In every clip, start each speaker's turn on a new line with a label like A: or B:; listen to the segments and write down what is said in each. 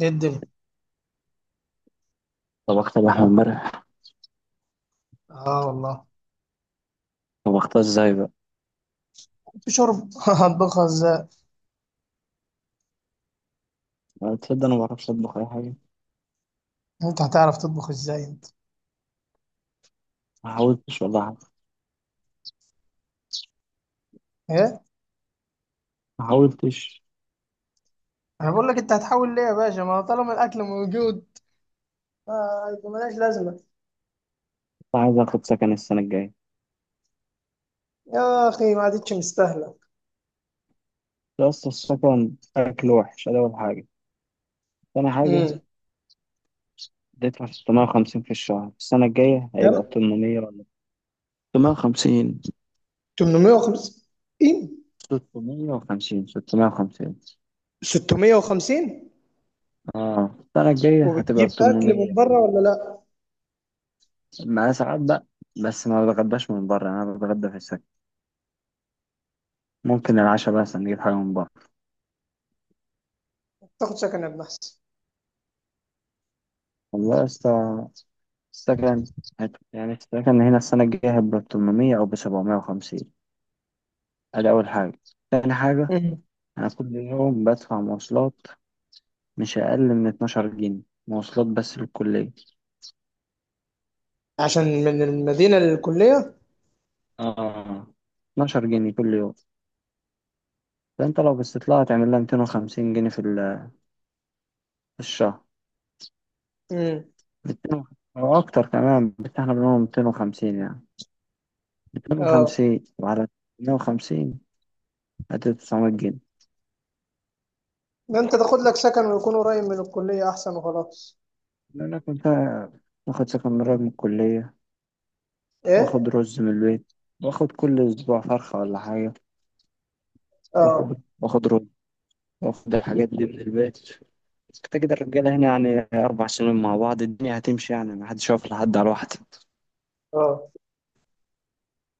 A: ايه الدنيا؟
B: طبخت لحمة امبارح.
A: اه والله.
B: طبختها ازاي بقى؟
A: في شرب هطبخها ازاي.
B: أنا، تصدق، أنا معرفش أطبخ أي حاجة.
A: انت هتعرف تطبخ ازاي انت؟
B: ما حاولتش والله حتى.
A: ايه.
B: ما حاولتش.
A: انا بقول لك انت هتحاول ليه يا باشا ما طالما الاكل موجود. آه يبقى ملهاش لازمه.
B: كنت عايز آخد سكن السنة الجاية.
A: يا اخي ما عادتش مستاهله.
B: يا اسطى، السكن أكل وحش. أدي أول حاجة. تاني حاجة.
A: امم.
B: هتدفع 650 في الشهر، السنة الجاية هيبقى 800 ولا 650؟
A: كم؟ 850؟
B: 650، 650.
A: 650؟
B: اه، السنة الجاية هتبقى
A: وبتجيب اكل من
B: 800.
A: بره ولا لا؟
B: مع ساعات بقى. بس ما بتغداش من بره، أنا بتغدى في السكن. ممكن العشاء بس نجيب حاجة من بره.
A: تاخد سكن يا ابن احسن.
B: والله يا اسطى، السكن يعني السكن هنا السنة الجاية هيبقى ب800 أو ب750. أدي أول حاجة. تاني حاجة.
A: امم.
B: أنا كل يوم بدفع مواصلات مش أقل من 12 جنيه. مواصلات بس للكلية.
A: عشان من المدينه للكليه.
B: آه، 12 جنيه كل يوم. فأنت لو باستطلاع هتعمل لها 250 جنيه في في الشهر.
A: امم.
B: ميتين أو أكتر كمان، بس إحنا بنقول ميتين وخمسين يعني. ميتين
A: اه.
B: وخمسين، وعلى ميتين وخمسين هتدي 900 جنيه.
A: ده انت تاخد لك سكن ويكون قريب من الكليه احسن وخلاص.
B: لأنك كنت واخد سكن قريب من الكلية، واخد
A: ايه.
B: رز من البيت، واخد كل اسبوع فرخة ولا حاجة،
A: اه.
B: واخد رز، واخد الحاجات دي من البيت. كده كده الرجالة هنا يعني 4 سنين مع بعض، الدنيا هتمشي يعني، محدش واقف لحد على واحد.
A: اه.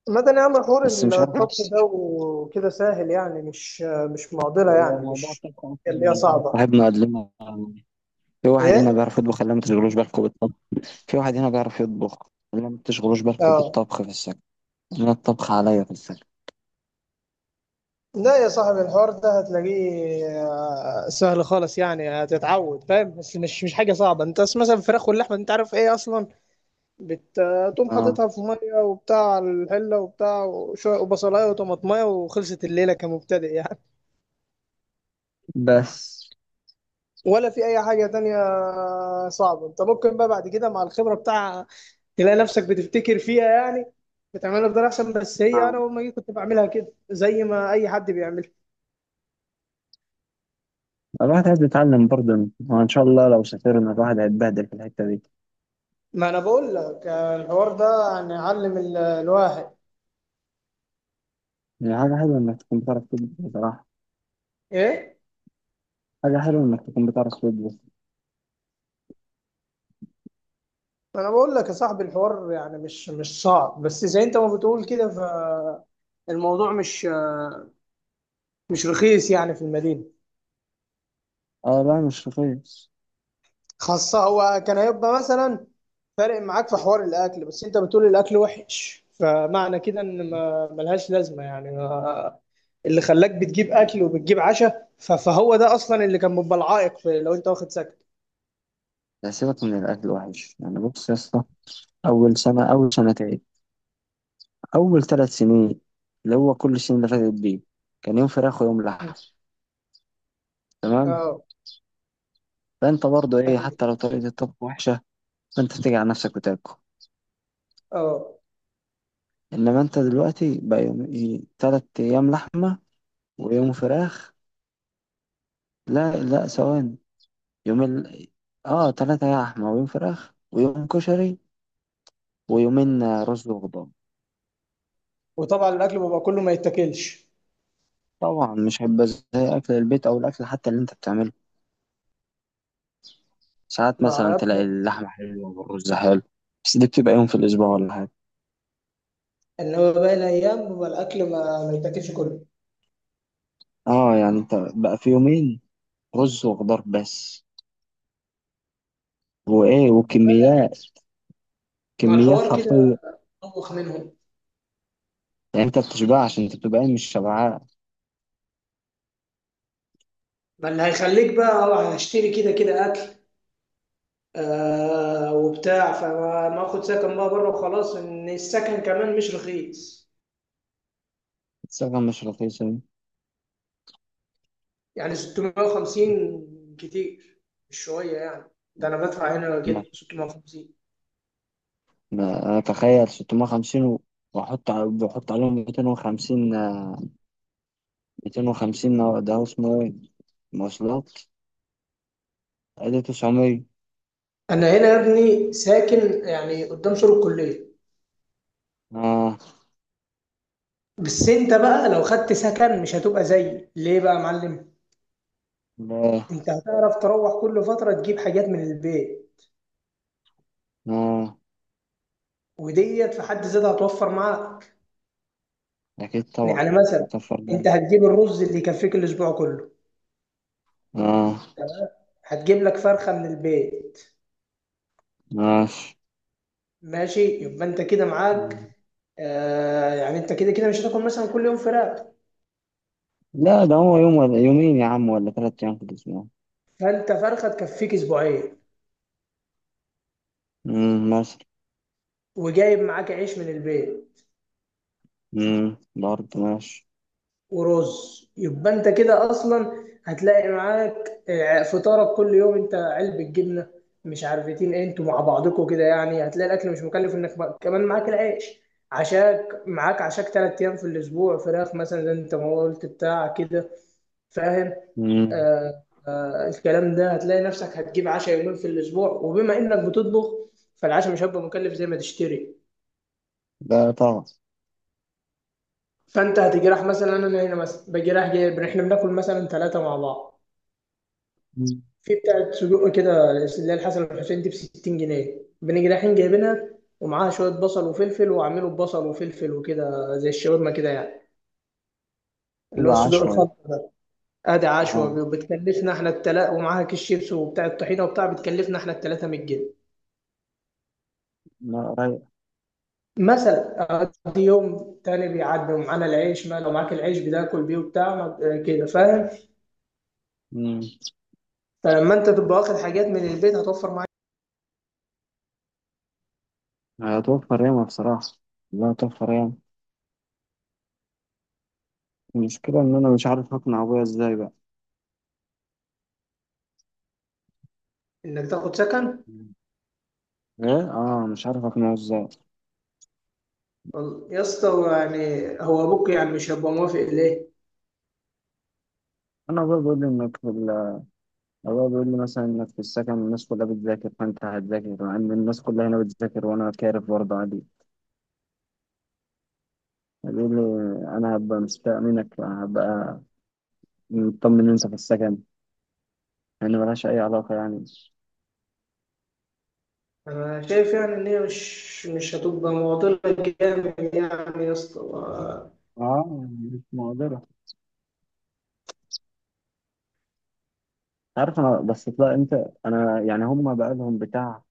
A: مدى يا عم حوار.
B: بس مش عارف.
A: الطبخ ده وكده سهل يعني مش معضلة
B: هو
A: يعني
B: موضوع
A: مش.
B: الطبخ أصلا،
A: اللي هي
B: يعني واحد
A: صعبة.
B: صاحبنا قال لنا في واحد هنا
A: ايه.
B: بيعرف يطبخ، اللي ما تشغلوش بالكم بالطبخ. في واحد هنا بيعرف يطبخ، اللي ما تشغلوش بالكم
A: اه.
B: بالطبخ في السكن. أنا الطبخ عليا في السكن.
A: لا يا صاحبي الحوار ده هتلاقيه سهل خالص يعني هتتعود فاهم، بس مش حاجة صعبة. انت بس مثلا الفراخ واللحمة انت عارف ايه اصلا؟ بتقوم
B: آه،
A: حاططها في مية وبتاع على الحلة وبتاع وشوية وبصلاية وطماطمية وخلصت الليلة كمبتدئ يعني،
B: بس
A: ولا في اي حاجة تانية صعبة. انت ممكن بقى بعد كده مع الخبرة بتاع تلاقي نفسك بتفتكر فيها يعني، بتعملها بطريقه احسن. بس هي
B: آه.
A: انا اول ما جيت كنت بعملها كده زي ما اي حد بيعملها.
B: الواحد عايز يتعلم برضه، وإن شاء الله لو سافرنا الواحد هيتبهدل في الحتة دي.
A: ما انا بقول لك الحوار ده يعني علم الواحد.
B: هي حاجة حلوة إنك تكون بتعرف تطبخ بصراحة.
A: ايه.
B: حاجة حلوة إنك تكون بتعرف تطبخ.
A: ما انا بقول لك يا صاحبي الحوار يعني مش صعب بس زي انت ما بتقول كده. فالموضوع مش رخيص يعني في المدينه،
B: أه لا، مش رخيص.
A: خاصه هو كان هيبقى مثلا فارق معاك في حوار الاكل. بس انت بتقول الاكل وحش، فمعنى كده ان ما ملهاش لازمه يعني. ما اللي خلاك بتجيب اكل وبتجيب عشاء فهو ده اصلا اللي كان بيبقى العائق في لو انت واخد سكن.
B: لا، سيبك من الأكل الوحش، يعني بص يا اسطى. أول سنة، أول سنتين، أول 3 سنين، اللي هو كل السنين اللي فاتت دي، كان يوم فراخ ويوم لحم، تمام؟
A: اه.
B: فأنت برضه إيه،
A: أيوة.
B: حتى لو طريقة الطبخ وحشة، فأنت بتيجي على نفسك وتاكل.
A: اه.
B: إنما أنت دلوقتي بقى يوم إيه، تلات أيام لحمة، ويوم فراخ. لا لا، ثواني. يوم ال... آه، تلاتة لحمة، ويوم فراخ، ويوم كشري، ويومين رز وخضار.
A: وطبعا الاكل بيبقى كله ما يتاكلش.
B: طبعا مش هيبقى زي أكل البيت، أو الأكل حتى اللي أنت بتعمله. ساعات
A: مع
B: مثلا تلاقي
A: ربنا.
B: اللحمة حلوة والرز حلو، بس دي بتبقى يوم في الأسبوع ولا حاجة.
A: ان هو باقي الايام بيبقى الاكل ما يتاكلش كله.
B: اه، يعني أنت بقى في يومين رز وخضار بس، وإيه وكميات،
A: مع
B: كميات
A: الحوار
B: حرفية.
A: كده طبخ منهم.
B: يعني أنت بتشبعش، أنت بتبقى إيه، مش شبعان.
A: ما اللي هيخليك بقى هشتري كده كده اكل وبتاع، فما ما اخد سكن بقى بره وخلاص. ان السكن كمان مش رخيص
B: الصيغة مش رخيصة دي.
A: يعني. 650 كتير، مش شويه يعني. ده انا بدفع هنا
B: ما-
A: كده 650.
B: أنا أتخيل 650 وأحط بحط عليهم 250 آه، 250 ده هو اسمه إيه؟ مواصلات. أدي 900.
A: انا هنا يا ابني ساكن يعني قدام سور الكليه،
B: اه.
A: بس انت بقى لو خدت سكن مش هتبقى زيي ليه بقى يا معلم.
B: لا.
A: انت هتعرف تروح كل فتره تجيب حاجات من البيت،
B: اه،
A: وديت في حد ذاتها هتوفر معاك.
B: اكيد طبعا.
A: يعني مثلا
B: نكفر ده.
A: انت هتجيب الرز اللي يكفيك الاسبوع كله،
B: اه،
A: هتجيب لك فرخة من البيت.
B: ماشي.
A: ماشي يبقى انت كده
B: مم.
A: معاك. آه يعني انت كده كده مش هتاكل مثلا كل يوم فراخ،
B: لا، ده هو يوم ولا يومين يا عم، ولا 3 ايام في الاسبوع.
A: فانت فرخة تكفيك اسبوعين،
B: امم، مثلا.
A: وجايب معاك عيش من البيت
B: امم، برضه ماشي.
A: ورز يبقى انت كده اصلا هتلاقي معاك فطارك كل يوم انت علبة جبنة، مش عارفتين ايه انتوا مع بعضكم كده، يعني هتلاقي الاكل مش مكلف انك كمان معاك العيش، عشاك معاك، عشاك تلات ايام في الاسبوع فراخ مثلا زي انت ما قلت بتاع كده. فاهم؟
B: امم.
A: آه الكلام ده هتلاقي نفسك هتجيب عشاء يومين في الاسبوع، وبما انك بتطبخ فالعشاء مش هيبقى مكلف زي ما تشتري.
B: لا طبعا.
A: فانت هتجي رايح مثلا، انا هنا مثلا باجي رايح جايب، احنا بناكل مثلا ثلاثة مع بعض
B: مم.
A: في بتاعة سجق كده اللي هي الحسن والحسين دي ب 60 جنيه، بنيجي رايحين جايبينها ومعاها شوية بصل وفلفل، وعامله ببصل وفلفل وكده زي الشاورما كده يعني، اللي هو
B: تبقى
A: السجق
B: عشوائي.
A: الخلط ده. ادي
B: اه،
A: عشوة بتكلفنا احنا التلا، ومعاها كيس شيبس وبتاع الطحينة وبتاع بتكلفنا احنا التلاتة 100 جنيه
B: لا رايق.
A: مثلا. ادي يوم تاني بيعدي ومعانا العيش، ما لو معاك العيش بتاكل بيه وبتاع كده فاهم.
B: امم.
A: فلما انت تبقى واخد حاجات من البيت هتوفر معاك
B: هتوفر ياما بصراحة. لا، توفر ياما. المشكلة ان انا مش عارف اقنع ابويا ازاي بقى.
A: انك تاخد سكن.
B: مم. ايه، اه، مش عارف اقنعه ازاي.
A: يا اسطى هو يعني هو ابوك يعني مش هيبقى موافق ليه؟
B: انا ابويا بيقول لي انك، هو بيقول لي مثلا انك في السكن الناس كلها بتذاكر فانت هتذاكر، مع ان الناس كلها هنا بتذاكر وانا كارف برضه عادي. بيقول لي انا هبقى مستاء منك، هبقى مطمن انسى في السكن. يعني ملهاش اي علاقه يعني.
A: أنا شايف يعني إن هي مش هتبقى معضلة جامد يعني يا اسطى
B: اه، مش مقدرة. عارف انا، بس لا انت. انا يعني هم بقى لهم بتاع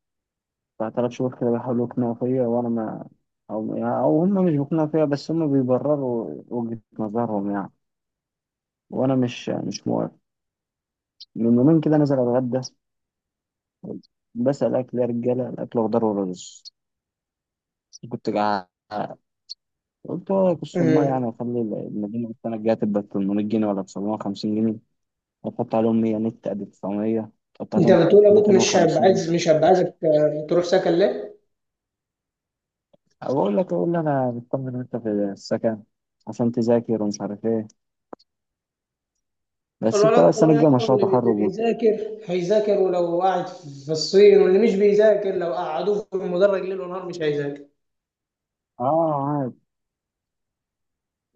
B: بتاع 3 شهور كده بيحاولوا يقنعوا فيا، وانا ما... او هم مش بيقنعوا فيا، بس هم بيبرروا وجهة نظرهم يعني. وانا مش موافق. من يومين كده نزل اتغدى، بسأل، أكل يا رجالة؟ الأكل خضار ورز. كنت جعان. قلت هو أكل المية
A: امم.
B: يعني، وأخلي المدينة السنة الجاية تبقى 800 جنيه ولا 950 جنيه، وأحط عليهم 100 نت، أدي 900. أحط
A: انت
B: عليهم
A: بتقول ابوك مش هيبقى عايز،
B: 250.
A: مش هيبقى عايزك تروح سكن ليه؟
B: أقول لك، أقول لي أنا مطمن وأنت في السكن، عشان تذاكر ومش عارف إيه. بس أنت
A: الولد
B: بقى السنة
A: طلع
B: الجاية
A: يابا،
B: مشروع
A: اللي اللي
B: تخرج
A: بيذاكر هيذاكر ولو قاعد في الصين، واللي مش بيذاكر لو قعدوه في المدرج ليل ونهار مش هيذاكر.
B: آه عادي،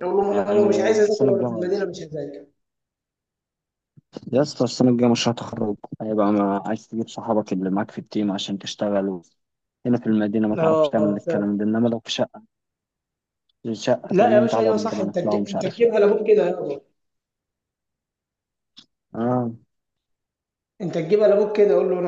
A: يقول لهم انا لو مش
B: يعني
A: عايز اذاكر
B: السنة
A: وانا في
B: الجاية.
A: المدينه مش هذاكر.
B: يا اسطى السنة الجاية مشروع تخرج، هيبقى ما عايز تجيب صحابك اللي معاك في التيم عشان تشتغلوا هنا في المدينة؟ ما تعرفش
A: اه
B: تعمل
A: فعلا.
B: الكلام ده، إنما لو في شقة، في شقة تقول
A: لا يا
B: لهم
A: باشا
B: تعالى يا
A: ايوه صح،
B: رجالة
A: انت
B: نطلع ومش
A: انت
B: عارف إيه.
A: تجيبها لابوك كده يابا.
B: آه
A: انت تجيبها لابوك كده، قول له.